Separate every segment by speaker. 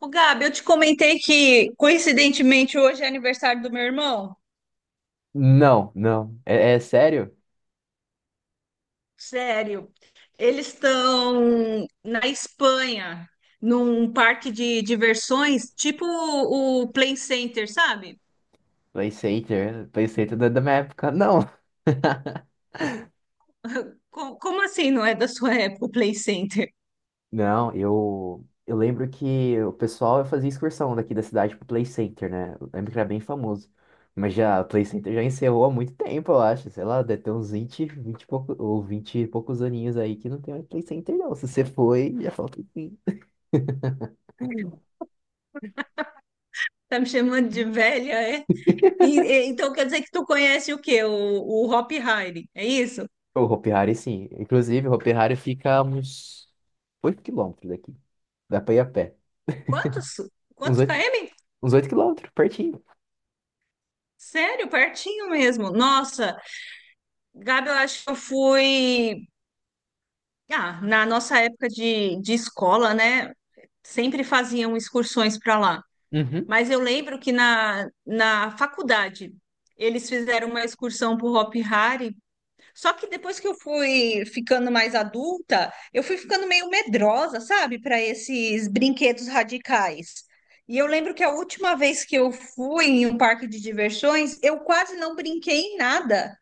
Speaker 1: Ô, Gabi, eu te comentei que, coincidentemente, hoje é aniversário do meu irmão.
Speaker 2: Não. É sério?
Speaker 1: Sério. Eles estão na Espanha, num parque de diversões, tipo o Play Center, sabe?
Speaker 2: PlayStation, PlayStation da minha época, não.
Speaker 1: Como assim não é da sua época o Play Center?
Speaker 2: Não, eu lembro que o pessoal fazia excursão daqui da cidade pro Play Center, né? Eu lembro que era bem famoso. Mas já, o Play Center já encerrou há muito tempo, eu acho. Sei lá, deve ter uns 20, 20 e pouco, ou 20 e poucos aninhos aí que não tem mais Play Center, não. Se você foi, já falta um pouquinho.
Speaker 1: Tá me chamando de velha, é? Então quer dizer que tu conhece o quê? O Hop Harry, é isso?
Speaker 2: O Hopi Hari, sim. Inclusive, o Hopi Hari fica a uns 8 quilômetros daqui. Dá pra ir a pé.
Speaker 1: Quantos?
Speaker 2: Uns
Speaker 1: Quantos
Speaker 2: 8.
Speaker 1: km?
Speaker 2: Uns 8 quilômetros, pertinho.
Speaker 1: Sério, pertinho mesmo. Nossa, Gabi, eu acho que eu fui. Ah, na nossa época de escola, né? Sempre faziam excursões para lá.
Speaker 2: Uhum.
Speaker 1: Mas eu lembro que na faculdade eles fizeram uma excursão para o Hop Hari. Só que depois que eu fui ficando mais adulta, eu fui ficando meio medrosa, sabe, para esses brinquedos radicais. E eu lembro que a última vez que eu fui em um parque de diversões, eu quase não brinquei em nada.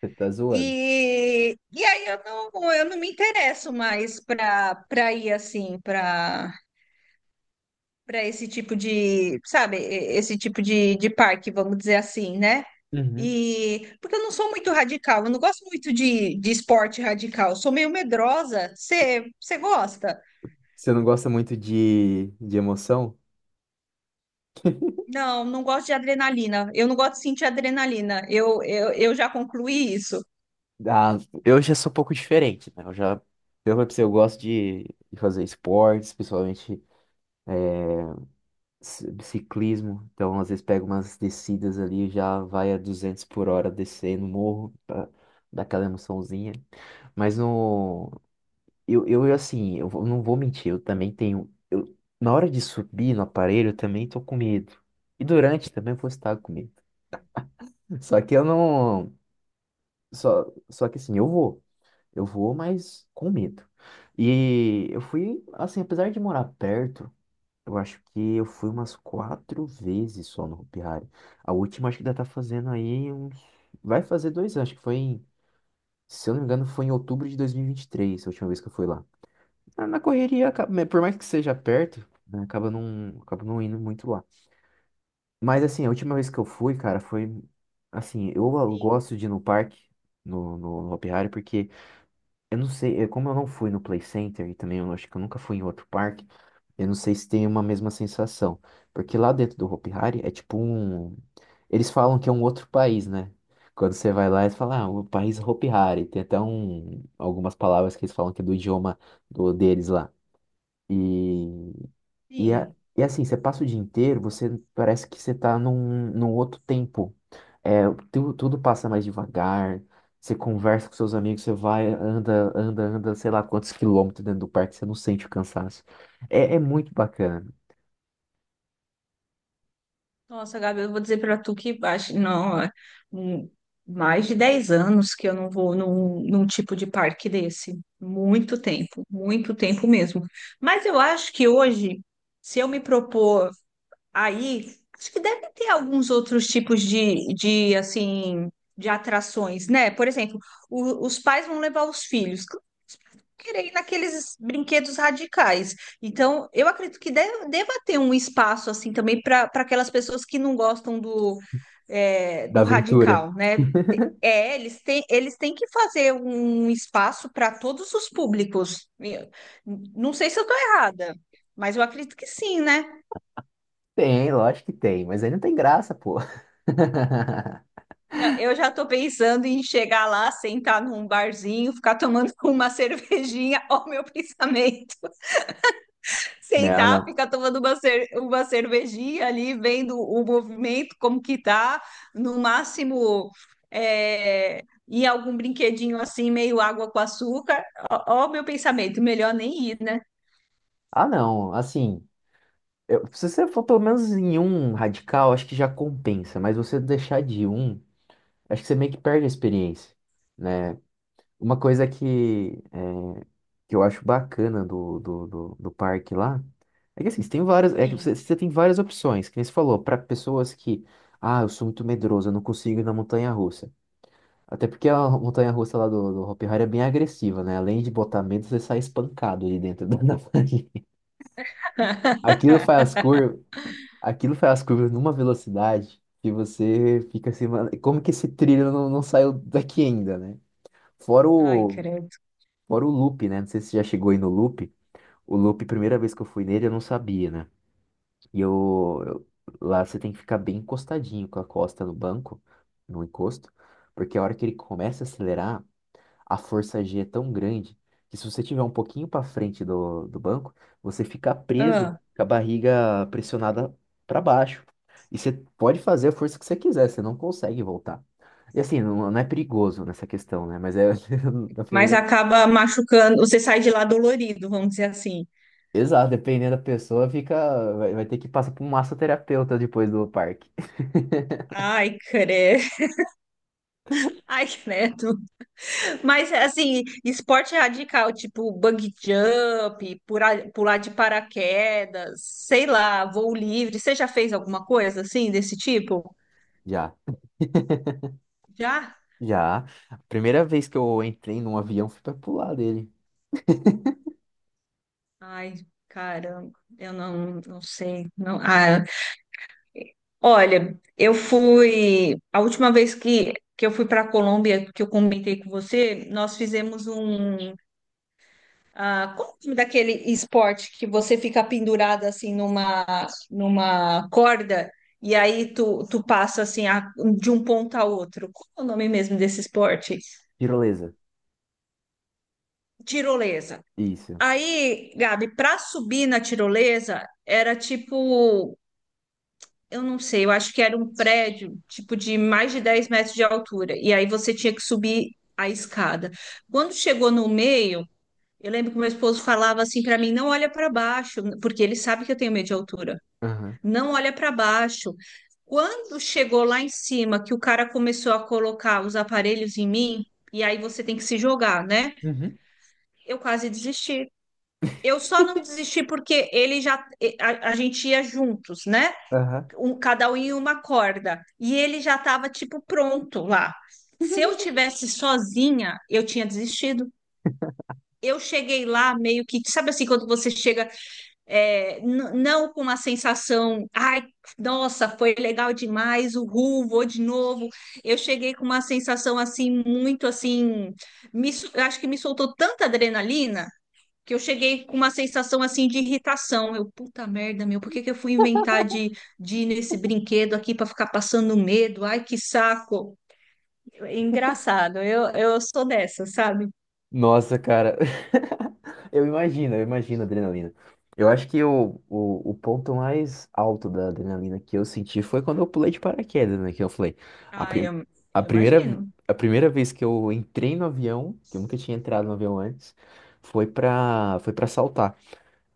Speaker 2: Você tá zoando.
Speaker 1: E aí eu não me interesso mais para ir assim, para esse tipo de, sabe, esse tipo de parque, vamos dizer assim, né?
Speaker 2: Uhum.
Speaker 1: E porque eu não sou muito radical, eu não gosto muito de esporte radical, eu sou meio medrosa. Você gosta?
Speaker 2: Você não gosta muito de emoção?
Speaker 1: Não, não gosto de adrenalina. Eu não gosto de sentir adrenalina. Eu já concluí isso.
Speaker 2: Ah, eu já sou um pouco diferente, né? Eu já, eu falei pra você, eu gosto de fazer esportes, principalmente ciclismo. Então, às vezes, pego umas descidas ali, já vai a 200 por hora descendo o morro, pra dar aquela emoçãozinha. Mas no, eu assim, não vou mentir, eu também tenho. Eu, na hora de subir no aparelho, eu também tô com medo. E durante também eu vou estar com medo. Só que eu não. Só que assim, eu vou. Eu vou, mas com medo. E eu fui, assim, apesar de morar perto, eu acho que eu fui umas quatro vezes só no Hopi Hari. A última acho que ainda tá fazendo aí uns. Vai fazer 2 anos, acho que foi em. Se eu não me engano, foi em outubro de dois mil e vinte e três a última vez que eu fui lá. Na correria, né, por mais que seja perto, né, acaba não indo muito lá. Mas assim, a última vez que eu fui, cara, foi assim, eu
Speaker 1: Sim,
Speaker 2: gosto de ir no parque, no Hopi Hari, porque eu não sei, é, como eu não fui no Play Center e também eu acho que eu nunca fui em outro parque, eu não sei se tem uma mesma sensação. Porque lá dentro do Hopi Hari é tipo um. Eles falam que é um outro país, né? Quando você vai lá, eles falam, ah, o país Hopi Hari. Tem até um, algumas palavras que eles falam que é do idioma do, deles lá. E, e, a-
Speaker 1: sim.
Speaker 2: e é assim, você passa o dia inteiro, você parece que você tá num, num outro tempo. É, tudo passa mais devagar, você conversa com seus amigos, você vai, anda, anda, anda, sei lá quantos quilômetros dentro do parque, você não sente o cansaço. É, é muito bacana,
Speaker 1: Nossa, Gabi, eu vou dizer para tu que acho, não, é, hum, mais de 10 anos que eu não vou num, num tipo de parque desse. Muito tempo mesmo. Mas eu acho que hoje, se eu me propor. Aí, acho que deve ter alguns outros tipos de assim, de atrações, né? Por exemplo, os pais vão levar os filhos. Claro que os pais vão querer ir naqueles brinquedos radicais. Então, eu acredito que deve, deva ter um espaço, assim, também para aquelas pessoas que não gostam do, é,
Speaker 2: da
Speaker 1: do
Speaker 2: aventura.
Speaker 1: radical, né? É, eles têm que fazer um espaço para todos os públicos. Não sei se eu estou errada, mas eu acredito que sim, né?
Speaker 2: Tem, lógico que tem, mas aí não tem graça, pô.
Speaker 1: Não, eu já tô pensando em chegar lá, sentar num barzinho, ficar tomando uma cervejinha, ó, o meu pensamento.
Speaker 2: Não,
Speaker 1: Sentar,
Speaker 2: não.
Speaker 1: ficar tomando uma, uma cervejinha ali, vendo o movimento, como que tá. No máximo, é, ir a algum brinquedinho assim, meio água com açúcar. Ó, ó o meu pensamento, melhor nem ir, né?
Speaker 2: Ah, não, assim, se você for pelo menos em um radical, acho que já compensa, mas você deixar de ir um. Acho que você meio que perde a experiência, né? Uma coisa que, é, que eu acho bacana do parque lá é que assim, você tem várias, é que
Speaker 1: Sim.
Speaker 2: você, você tem várias opções, que nem você falou, para pessoas que, ah, eu sou muito medroso, eu não consigo ir na montanha-russa. Até porque a montanha-russa lá do Hopi Hari é bem agressiva, né? Além de botar medo, você sai espancado ali dentro da Aquilo faz as curvas, aquilo faz as curvas numa velocidade que você fica assim, mano, como que esse trilho não, não saiu daqui ainda, né? Fora
Speaker 1: Ai,
Speaker 2: o,
Speaker 1: credo.
Speaker 2: fora o loop, né? Não sei se você já chegou aí no loop. O loop, primeira vez que eu fui nele, eu não sabia, né? E lá você tem que ficar bem encostadinho com a costa no banco, no encosto, porque a hora que ele começa a acelerar, a força G é tão grande que se você tiver um pouquinho para frente do banco, você fica preso
Speaker 1: Ah,
Speaker 2: com a barriga pressionada para baixo. E você pode fazer a força que você quiser, você não consegue voltar. E assim, não é perigoso nessa questão, né? Mas é, na
Speaker 1: mas
Speaker 2: primeira.
Speaker 1: acaba machucando, você sai de lá dolorido, vamos dizer assim.
Speaker 2: Exato, dependendo da pessoa, fica, vai, vai ter que passar por um massoterapeuta depois do parque.
Speaker 1: Ai, credo. Ai, credo. Mas assim, esporte radical, tipo bungee jump, pular de paraquedas, sei lá, voo livre. Você já fez alguma coisa assim desse tipo?
Speaker 2: Já,
Speaker 1: Já?
Speaker 2: já. A primeira vez que eu entrei num avião, fui pra pular dele.
Speaker 1: Ai, caramba, eu não, não sei. Não, ah, olha, eu fui a última vez que eu fui para a Colômbia, que eu comentei com você, nós fizemos um. Ah, qual o nome daquele esporte que você fica pendurado assim numa corda e aí tu passa assim de um ponto a outro? Qual é o nome mesmo desse esporte?
Speaker 2: Tirolesa.
Speaker 1: Tirolesa.
Speaker 2: Isso.
Speaker 1: Aí, Gabi, para subir na tirolesa era tipo, eu não sei, eu acho que era um prédio tipo de mais de 10 metros de altura e aí você tinha que subir a escada. Quando chegou no meio. Eu lembro que meu esposo falava assim para mim: não olha para baixo, porque ele sabe que eu tenho medo de altura.
Speaker 2: Aham.
Speaker 1: Não olha para baixo. Quando chegou lá em cima, que o cara começou a colocar os aparelhos em mim, e aí você tem que se jogar, né?
Speaker 2: Uhum.
Speaker 1: Eu quase desisti. Eu só não desisti porque ele já, a gente ia juntos, né?
Speaker 2: Aham.
Speaker 1: Um, cada um em uma corda. E ele já estava tipo pronto lá. Se eu tivesse sozinha, eu tinha desistido. Eu cheguei lá meio que, sabe assim, quando você chega é, não com uma sensação, ai, nossa, foi legal demais, uhul, vou de novo. Eu cheguei com uma sensação assim, muito assim, eu acho que me soltou tanta adrenalina que eu cheguei com uma sensação assim de irritação. Eu, puta merda, meu, por que que eu fui inventar de ir nesse brinquedo aqui para ficar passando medo? Ai, que saco. Engraçado, eu sou dessa, sabe?
Speaker 2: Nossa, cara. Eu imagino a adrenalina. Eu acho que o ponto mais alto da adrenalina que eu senti foi quando eu pulei de paraquedas, né? Que eu falei, a,
Speaker 1: Ai,
Speaker 2: prim a
Speaker 1: eu
Speaker 2: primeira,
Speaker 1: imagino.
Speaker 2: a primeira vez que eu entrei no avião, que eu nunca tinha entrado no avião antes, foi pra saltar.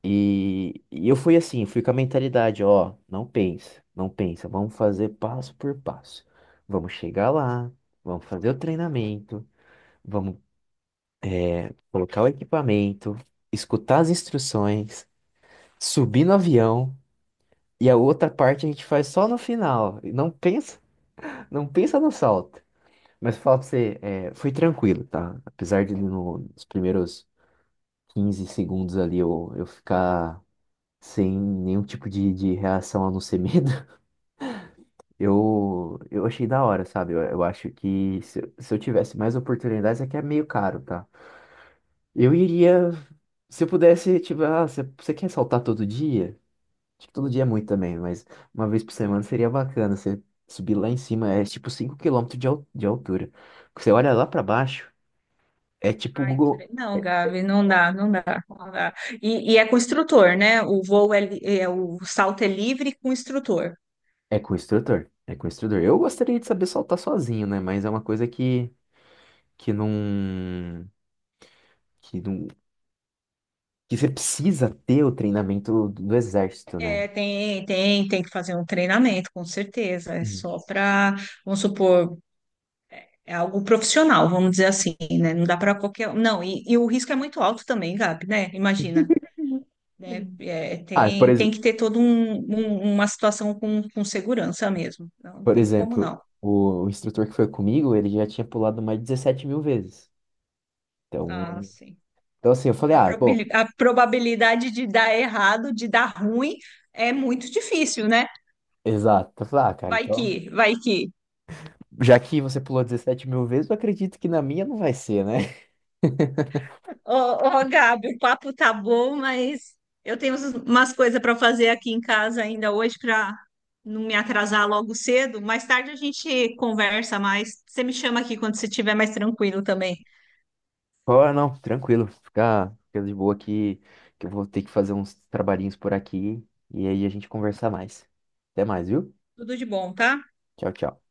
Speaker 2: E eu fui assim, fui com a mentalidade, ó, não pensa, vamos fazer passo por passo. Vamos chegar lá, vamos fazer o treinamento, vamos colocar o equipamento, escutar as instruções, subir no avião e a outra parte a gente faz só no final. E não pensa no salto. Mas falo pra você, é, foi tranquilo, tá? Apesar de nos primeiros 15 segundos ali eu ficar sem nenhum tipo de reação a não ser medo, eu achei da hora, sabe? Eu acho que se eu tivesse mais oportunidades, é que é meio caro, tá? Eu iria se eu pudesse, tipo, ah, você quer saltar todo dia? Acho que todo dia é muito também, mas uma vez por semana seria bacana você subir lá em cima, é tipo 5 km de, de altura. Você olha lá pra baixo, é tipo o
Speaker 1: Ai,
Speaker 2: Google,
Speaker 1: não, Gabi, não dá, não dá, não dá. E é com instrutor, né? O voo é, o salto é livre com instrutor.
Speaker 2: é com o instrutor, é com o instrutor. Eu gostaria de saber saltar sozinho, né? Mas é uma coisa que não, que não, que você precisa ter o treinamento do exército, né?
Speaker 1: É, tem, tem, tem que fazer um treinamento, com certeza. É
Speaker 2: Uhum.
Speaker 1: só para, vamos supor, é algo profissional, vamos dizer assim, né? Não dá para qualquer. Um. Não, e o risco é muito alto também, Gabi, né? Imagina. Né? É,
Speaker 2: Ah,
Speaker 1: tem, tem que ter toda um, uma situação com segurança mesmo. Não
Speaker 2: por
Speaker 1: tem como
Speaker 2: exemplo,
Speaker 1: não.
Speaker 2: o instrutor que foi comigo, ele já tinha pulado mais de 17 mil vezes.
Speaker 1: Ah,
Speaker 2: Então,
Speaker 1: sim.
Speaker 2: então assim, eu falei, ah, bom.
Speaker 1: A probabilidade de dar errado, de dar ruim, é muito difícil, né?
Speaker 2: Exato. Eu falei, ah, cara,
Speaker 1: Vai
Speaker 2: então.
Speaker 1: que, vai que.
Speaker 2: Já que você pulou 17 mil vezes, eu acredito que na minha não vai ser, né?
Speaker 1: Ô, ô, Gabi, o papo tá bom, mas eu tenho umas coisas para fazer aqui em casa ainda hoje para não me atrasar logo cedo. Mais tarde a gente conversa mais. Você me chama aqui quando você estiver mais tranquilo também.
Speaker 2: Ah, não, tranquilo. Fica de boa aqui, que eu vou ter que fazer uns trabalhinhos por aqui. E aí a gente conversar mais. Até mais, viu?
Speaker 1: Tudo de bom, tá?
Speaker 2: Tchau, tchau.